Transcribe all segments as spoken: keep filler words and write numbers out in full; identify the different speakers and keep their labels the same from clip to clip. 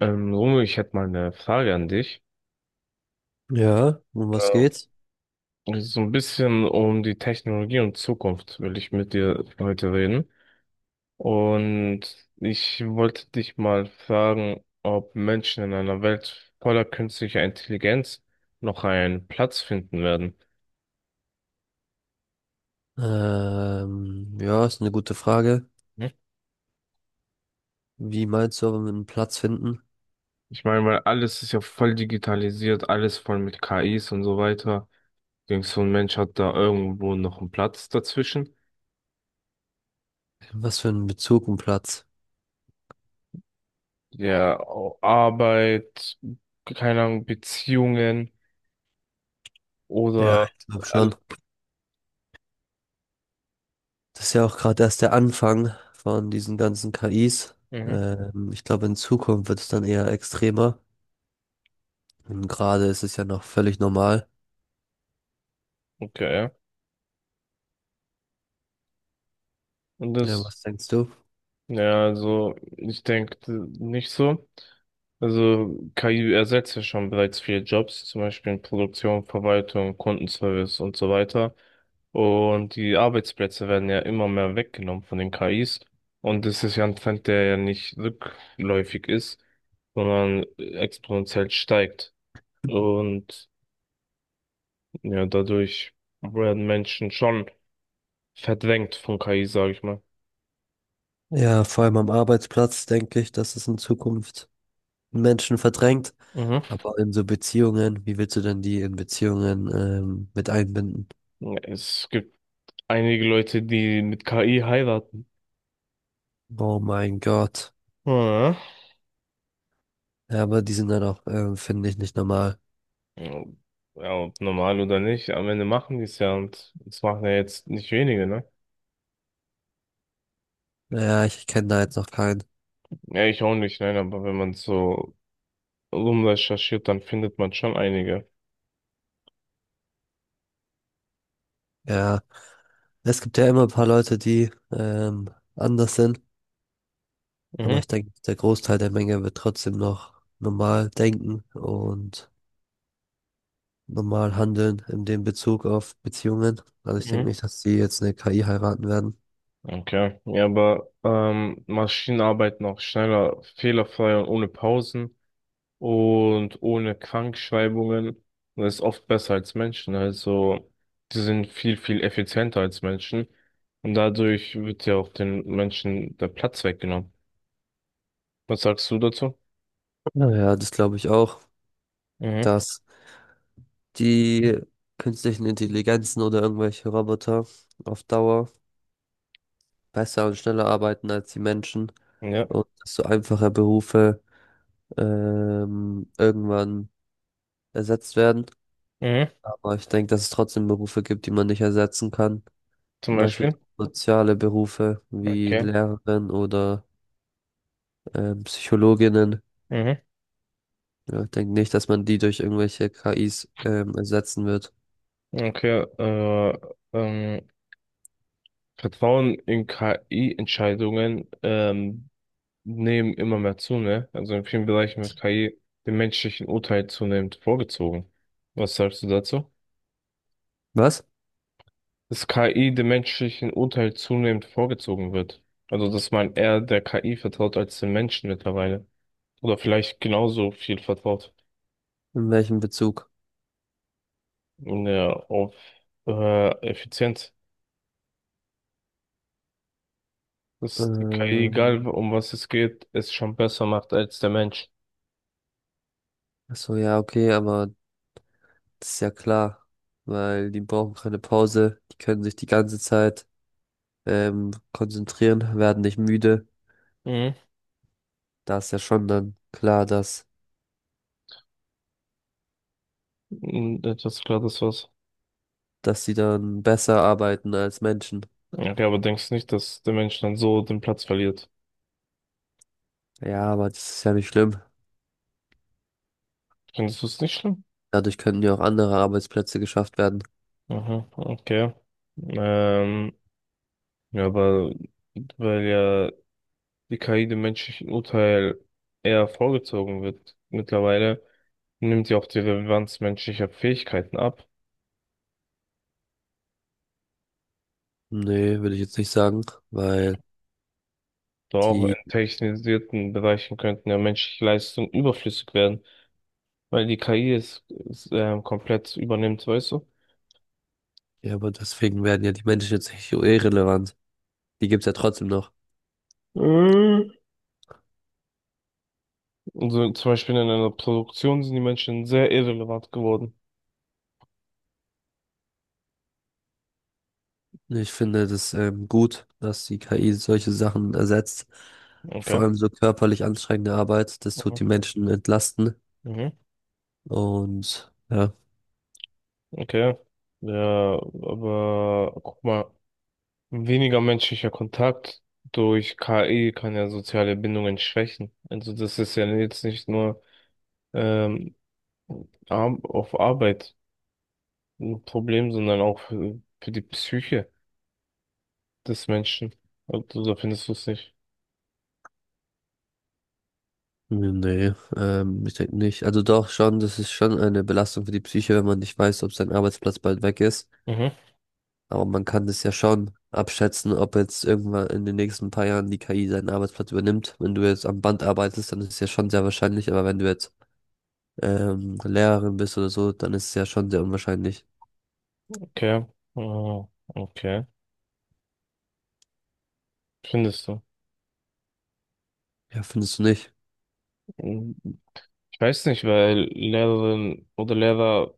Speaker 1: Ähm, Romeo, ich hätte mal eine Frage an dich.
Speaker 2: Ja, um was
Speaker 1: Ähm,
Speaker 2: geht's?
Speaker 1: Es ist so ein bisschen um die Technologie und Zukunft will ich mit dir heute reden. Und ich wollte dich mal fragen, ob Menschen in einer Welt voller künstlicher Intelligenz noch einen Platz finden werden.
Speaker 2: Ähm, ja, ist eine gute Frage.
Speaker 1: Hm?
Speaker 2: Wie meinst du, aber mit einem Platz finden?
Speaker 1: Ich meine, weil alles ist ja voll digitalisiert, alles voll mit K Is und so weiter. Denkst du, ein Mensch hat da irgendwo noch einen Platz dazwischen?
Speaker 2: Was für einen Bezug ein Platz?
Speaker 1: Ja, Au- Arbeit, keine Ahnung, Beziehungen
Speaker 2: Ja,
Speaker 1: oder
Speaker 2: ich glaube
Speaker 1: all-
Speaker 2: schon. Das ist ja auch gerade erst der Anfang von diesen ganzen K Is.
Speaker 1: mhm,
Speaker 2: Ähm, ich glaube, in Zukunft wird es dann eher extremer. Und gerade ist es ja noch völlig normal.
Speaker 1: okay, ja. Und
Speaker 2: Ja,
Speaker 1: das,
Speaker 2: was denkst du?
Speaker 1: ja, also ich denke nicht so. Also K I ersetzt ja schon bereits viele Jobs, zum Beispiel in Produktion, Verwaltung, Kundenservice und so weiter. Und die Arbeitsplätze werden ja immer mehr weggenommen von den K Is. Und das ist ja ein Trend, der ja nicht rückläufig ist, sondern äh, exponentiell steigt. Und ja, dadurch werden Menschen schon verdrängt von K I, sage ich mal.
Speaker 2: Ja, vor allem am Arbeitsplatz denke ich, dass es in Zukunft Menschen verdrängt.
Speaker 1: Mhm.
Speaker 2: Aber in so Beziehungen, wie willst du denn die in Beziehungen, ähm, mit einbinden?
Speaker 1: Es gibt einige Leute, die mit K I heiraten.
Speaker 2: Oh mein Gott.
Speaker 1: Ja.
Speaker 2: Ja, aber die sind dann auch, ähm, finde ich, nicht normal.
Speaker 1: Ja, ob normal oder nicht, am Ende machen die es ja und es machen ja jetzt nicht wenige, ne?
Speaker 2: Ja, ich kenne da jetzt noch keinen.
Speaker 1: Ja, ich auch nicht, nein, aber wenn man so rumrecherchiert, dann findet man schon einige.
Speaker 2: Ja, es gibt ja immer ein paar Leute, die ähm, anders sind, aber
Speaker 1: Mhm.
Speaker 2: ich denke, der Großteil der Menge wird trotzdem noch normal denken und normal handeln in dem Bezug auf Beziehungen. Also ich denke
Speaker 1: Mhm.
Speaker 2: nicht, dass die jetzt eine K I heiraten werden.
Speaker 1: Okay. Ja, aber ähm, Maschinen arbeiten auch schneller, fehlerfrei und ohne Pausen und ohne Krankschreibungen. Und das ist oft besser als Menschen. Also, die sind viel, viel effizienter als Menschen. Und dadurch wird ja auch den Menschen der Platz weggenommen. Was sagst du dazu?
Speaker 2: Naja, das glaube ich auch,
Speaker 1: Mhm.
Speaker 2: dass die künstlichen Intelligenzen oder irgendwelche Roboter auf Dauer besser und schneller arbeiten als die Menschen
Speaker 1: Ja.
Speaker 2: und dass so einfache Berufe ähm, irgendwann ersetzt werden.
Speaker 1: Mhm.
Speaker 2: Aber ich denke, dass es trotzdem Berufe gibt, die man nicht ersetzen kann.
Speaker 1: Zum
Speaker 2: Zum Beispiel
Speaker 1: Beispiel.
Speaker 2: soziale Berufe wie
Speaker 1: Okay.
Speaker 2: Lehrerin oder ähm, Psychologinnen.
Speaker 1: Mhm.
Speaker 2: Ja, ich denke nicht, dass man die durch irgendwelche K Is ähm, ersetzen wird.
Speaker 1: Okay. Äh, ähm, Vertrauen in K I-Entscheidungen ähm, nehmen immer mehr zu, ne? Also in vielen Bereichen wird K I dem menschlichen Urteil zunehmend vorgezogen. Was sagst du dazu?
Speaker 2: Was?
Speaker 1: Dass K I dem menschlichen Urteil zunehmend vorgezogen wird. Also, dass man eher der K I vertraut als den Menschen mittlerweile. Oder vielleicht genauso viel vertraut
Speaker 2: In welchem Bezug?
Speaker 1: in der auf äh, Effizienz. Dass die K I,
Speaker 2: Ähm,
Speaker 1: egal um was es geht, es schon besser macht als der Mensch.
Speaker 2: ach so, ja, okay, aber das ist ja klar, weil die brauchen keine Pause, die können sich die ganze Zeit ähm, konzentrieren, werden nicht müde.
Speaker 1: Mhm.
Speaker 2: Da ist ja schon dann klar, dass,
Speaker 1: Und etwas klar, das war's.
Speaker 2: dass sie dann besser arbeiten als Menschen.
Speaker 1: Okay, aber denkst nicht, dass der Mensch dann so den Platz verliert?
Speaker 2: Ja, aber das ist ja nicht schlimm.
Speaker 1: Findest du es nicht schlimm?
Speaker 2: Dadurch könnten ja auch andere Arbeitsplätze geschafft werden.
Speaker 1: Aha, okay. Ähm, ja, aber weil ja die K I dem menschlichen Urteil eher vorgezogen wird. Mittlerweile nimmt sie auch die Relevanz menschlicher Fähigkeiten ab.
Speaker 2: Nee, würde ich jetzt nicht sagen, weil
Speaker 1: Doch auch in
Speaker 2: die,
Speaker 1: technisierten Bereichen könnten ja menschliche Leistungen überflüssig werden, weil die K I es, es ähm, komplett übernimmt, weißt du?
Speaker 2: ja, aber deswegen werden ja die Menschen jetzt nicht so irrelevant. Die gibt's ja trotzdem noch.
Speaker 1: Mhm. Also zum Beispiel in einer Produktion sind die Menschen sehr irrelevant geworden.
Speaker 2: Ich finde das ähm, gut, dass die K I solche Sachen ersetzt. Vor
Speaker 1: Okay.
Speaker 2: allem so körperlich anstrengende Arbeit, das tut
Speaker 1: Mhm.
Speaker 2: die Menschen entlasten
Speaker 1: Mhm.
Speaker 2: und ja.
Speaker 1: Okay. Ja, aber guck mal. Weniger menschlicher Kontakt durch K I kann ja soziale Bindungen schwächen. Also das ist ja jetzt nicht nur ähm, ar- auf Arbeit ein Problem, sondern auch für, für die Psyche des Menschen. Also da findest du es nicht.
Speaker 2: Nee, ähm, ich denke nicht. Also doch schon, das ist schon eine Belastung für die Psyche, wenn man nicht weiß, ob sein Arbeitsplatz bald weg ist.
Speaker 1: Mhm,
Speaker 2: Aber man kann das ja schon abschätzen, ob jetzt irgendwann in den nächsten paar Jahren die K I seinen Arbeitsplatz übernimmt. Wenn du jetzt am Band arbeitest, dann ist es ja schon sehr wahrscheinlich. Aber wenn du jetzt ähm, Lehrerin bist oder so, dann ist es ja schon sehr unwahrscheinlich.
Speaker 1: okay. Ah, okay. Findest du?
Speaker 2: Ja, findest du nicht? Ich
Speaker 1: Mhm. Ich weiß nicht, weil Lehrerinnen oder Lehrer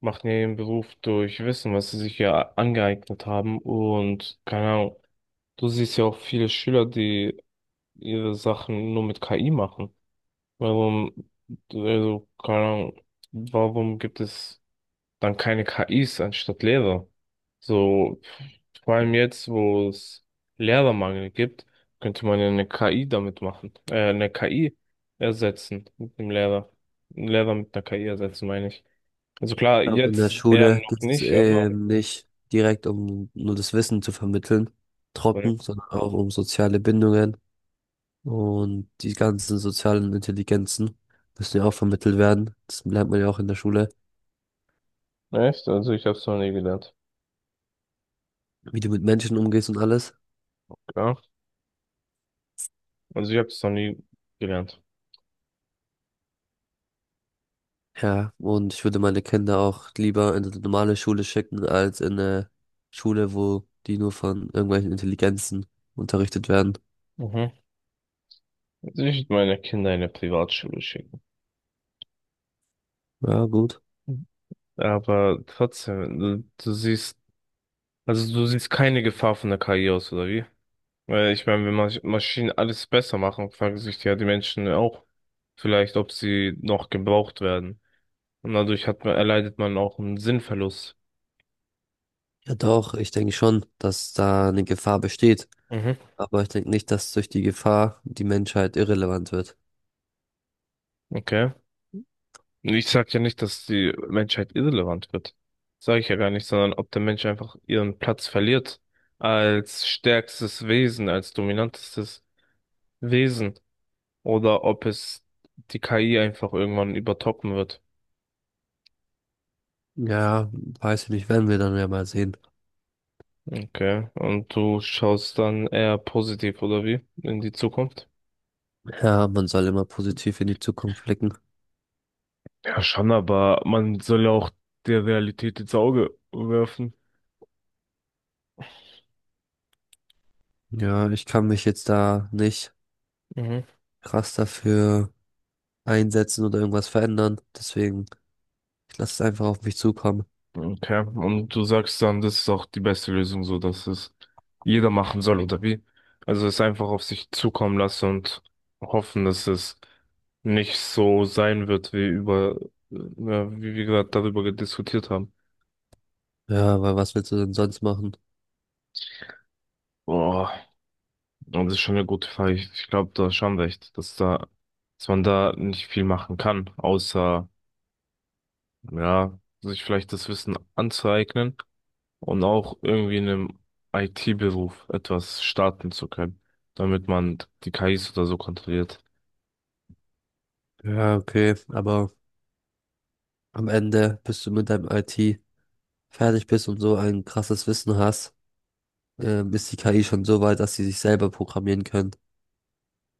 Speaker 1: machen ja ihren Beruf durch Wissen, was sie sich ja angeeignet haben und keine Ahnung. Du siehst ja auch viele Schüler, die ihre Sachen nur mit K I machen? Warum, also, keine Ahnung, warum gibt es dann keine K Is anstatt Lehrer? So, vor allem jetzt, wo es Lehrermangel gibt, könnte man ja eine K I damit machen, äh, eine K I ersetzen mit dem Lehrer. Einen Lehrer mit einer K I ersetzen, meine ich. Also klar,
Speaker 2: glaube, in der
Speaker 1: jetzt eher
Speaker 2: Schule
Speaker 1: noch
Speaker 2: geht es
Speaker 1: nicht, aber
Speaker 2: ähm, nicht direkt um nur das Wissen zu vermitteln,
Speaker 1: ne.
Speaker 2: trocken, sondern auch um soziale Bindungen. Und die ganzen sozialen Intelligenzen müssen ja auch vermittelt werden. Das lernt man ja auch in der Schule,
Speaker 1: Echt? Also ich habe es noch nie gelernt.
Speaker 2: wie du mit Menschen umgehst und alles.
Speaker 1: Ja, also ich habe es noch nie gelernt.
Speaker 2: Ja, und ich würde meine Kinder auch lieber in eine normale Schule schicken, als in eine Schule, wo die nur von irgendwelchen Intelligenzen unterrichtet werden.
Speaker 1: Mhm. Also ich würde meine Kinder in eine Privatschule schicken.
Speaker 2: Ja, gut.
Speaker 1: Aber trotzdem, du, du siehst, also du siehst keine Gefahr von der K I aus, oder wie? Weil ich meine, wenn Masch- Maschinen alles besser machen, fragen sich ja die Menschen auch vielleicht, ob sie noch gebraucht werden. Und dadurch hat man, erleidet man auch einen Sinnverlust.
Speaker 2: Ja, doch, ich denke schon, dass da eine Gefahr besteht.
Speaker 1: Mhm.
Speaker 2: Aber ich denke nicht, dass durch die Gefahr die Menschheit irrelevant wird.
Speaker 1: Okay. Und ich sag ja nicht, dass die Menschheit irrelevant wird. Sage ich ja gar nicht, sondern ob der Mensch einfach ihren Platz verliert als stärkstes Wesen, als dominantestes Wesen. Oder ob es die K I einfach irgendwann übertoppen wird.
Speaker 2: Ja, weiß ich nicht, werden wir dann ja mal sehen.
Speaker 1: Okay. Und du schaust dann eher positiv, oder wie? In die Zukunft?
Speaker 2: Ja, man soll immer positiv in die Zukunft blicken.
Speaker 1: Ja, schon, aber man soll ja auch der Realität ins Auge werfen.
Speaker 2: Ja, ich kann mich jetzt da nicht
Speaker 1: Mhm.
Speaker 2: krass dafür einsetzen oder irgendwas verändern. Deswegen, ich lasse es einfach auf mich zukommen.
Speaker 1: Okay. Und du sagst dann, das ist auch die beste Lösung, so dass es jeder machen soll, oder wie? Also es einfach auf sich zukommen lassen und hoffen, dass es nicht so sein wird, wie über, äh, ja, wie wir gerade darüber diskutiert haben.
Speaker 2: Ja, weil was willst du denn sonst machen?
Speaker 1: Boah. Und das ist schon eine gute Frage. Ich, ich glaube, du hast schon recht, dass da, dass man da nicht viel machen kann, außer, ja, sich vielleicht das Wissen anzueignen und auch irgendwie in einem I T-Beruf etwas starten zu können, damit man die K Is oder so kontrolliert.
Speaker 2: Ja, okay, aber am Ende, bis du mit deinem I T fertig bist und so ein krasses Wissen hast, ähm, ist die K I schon so weit, dass sie sich selber programmieren können.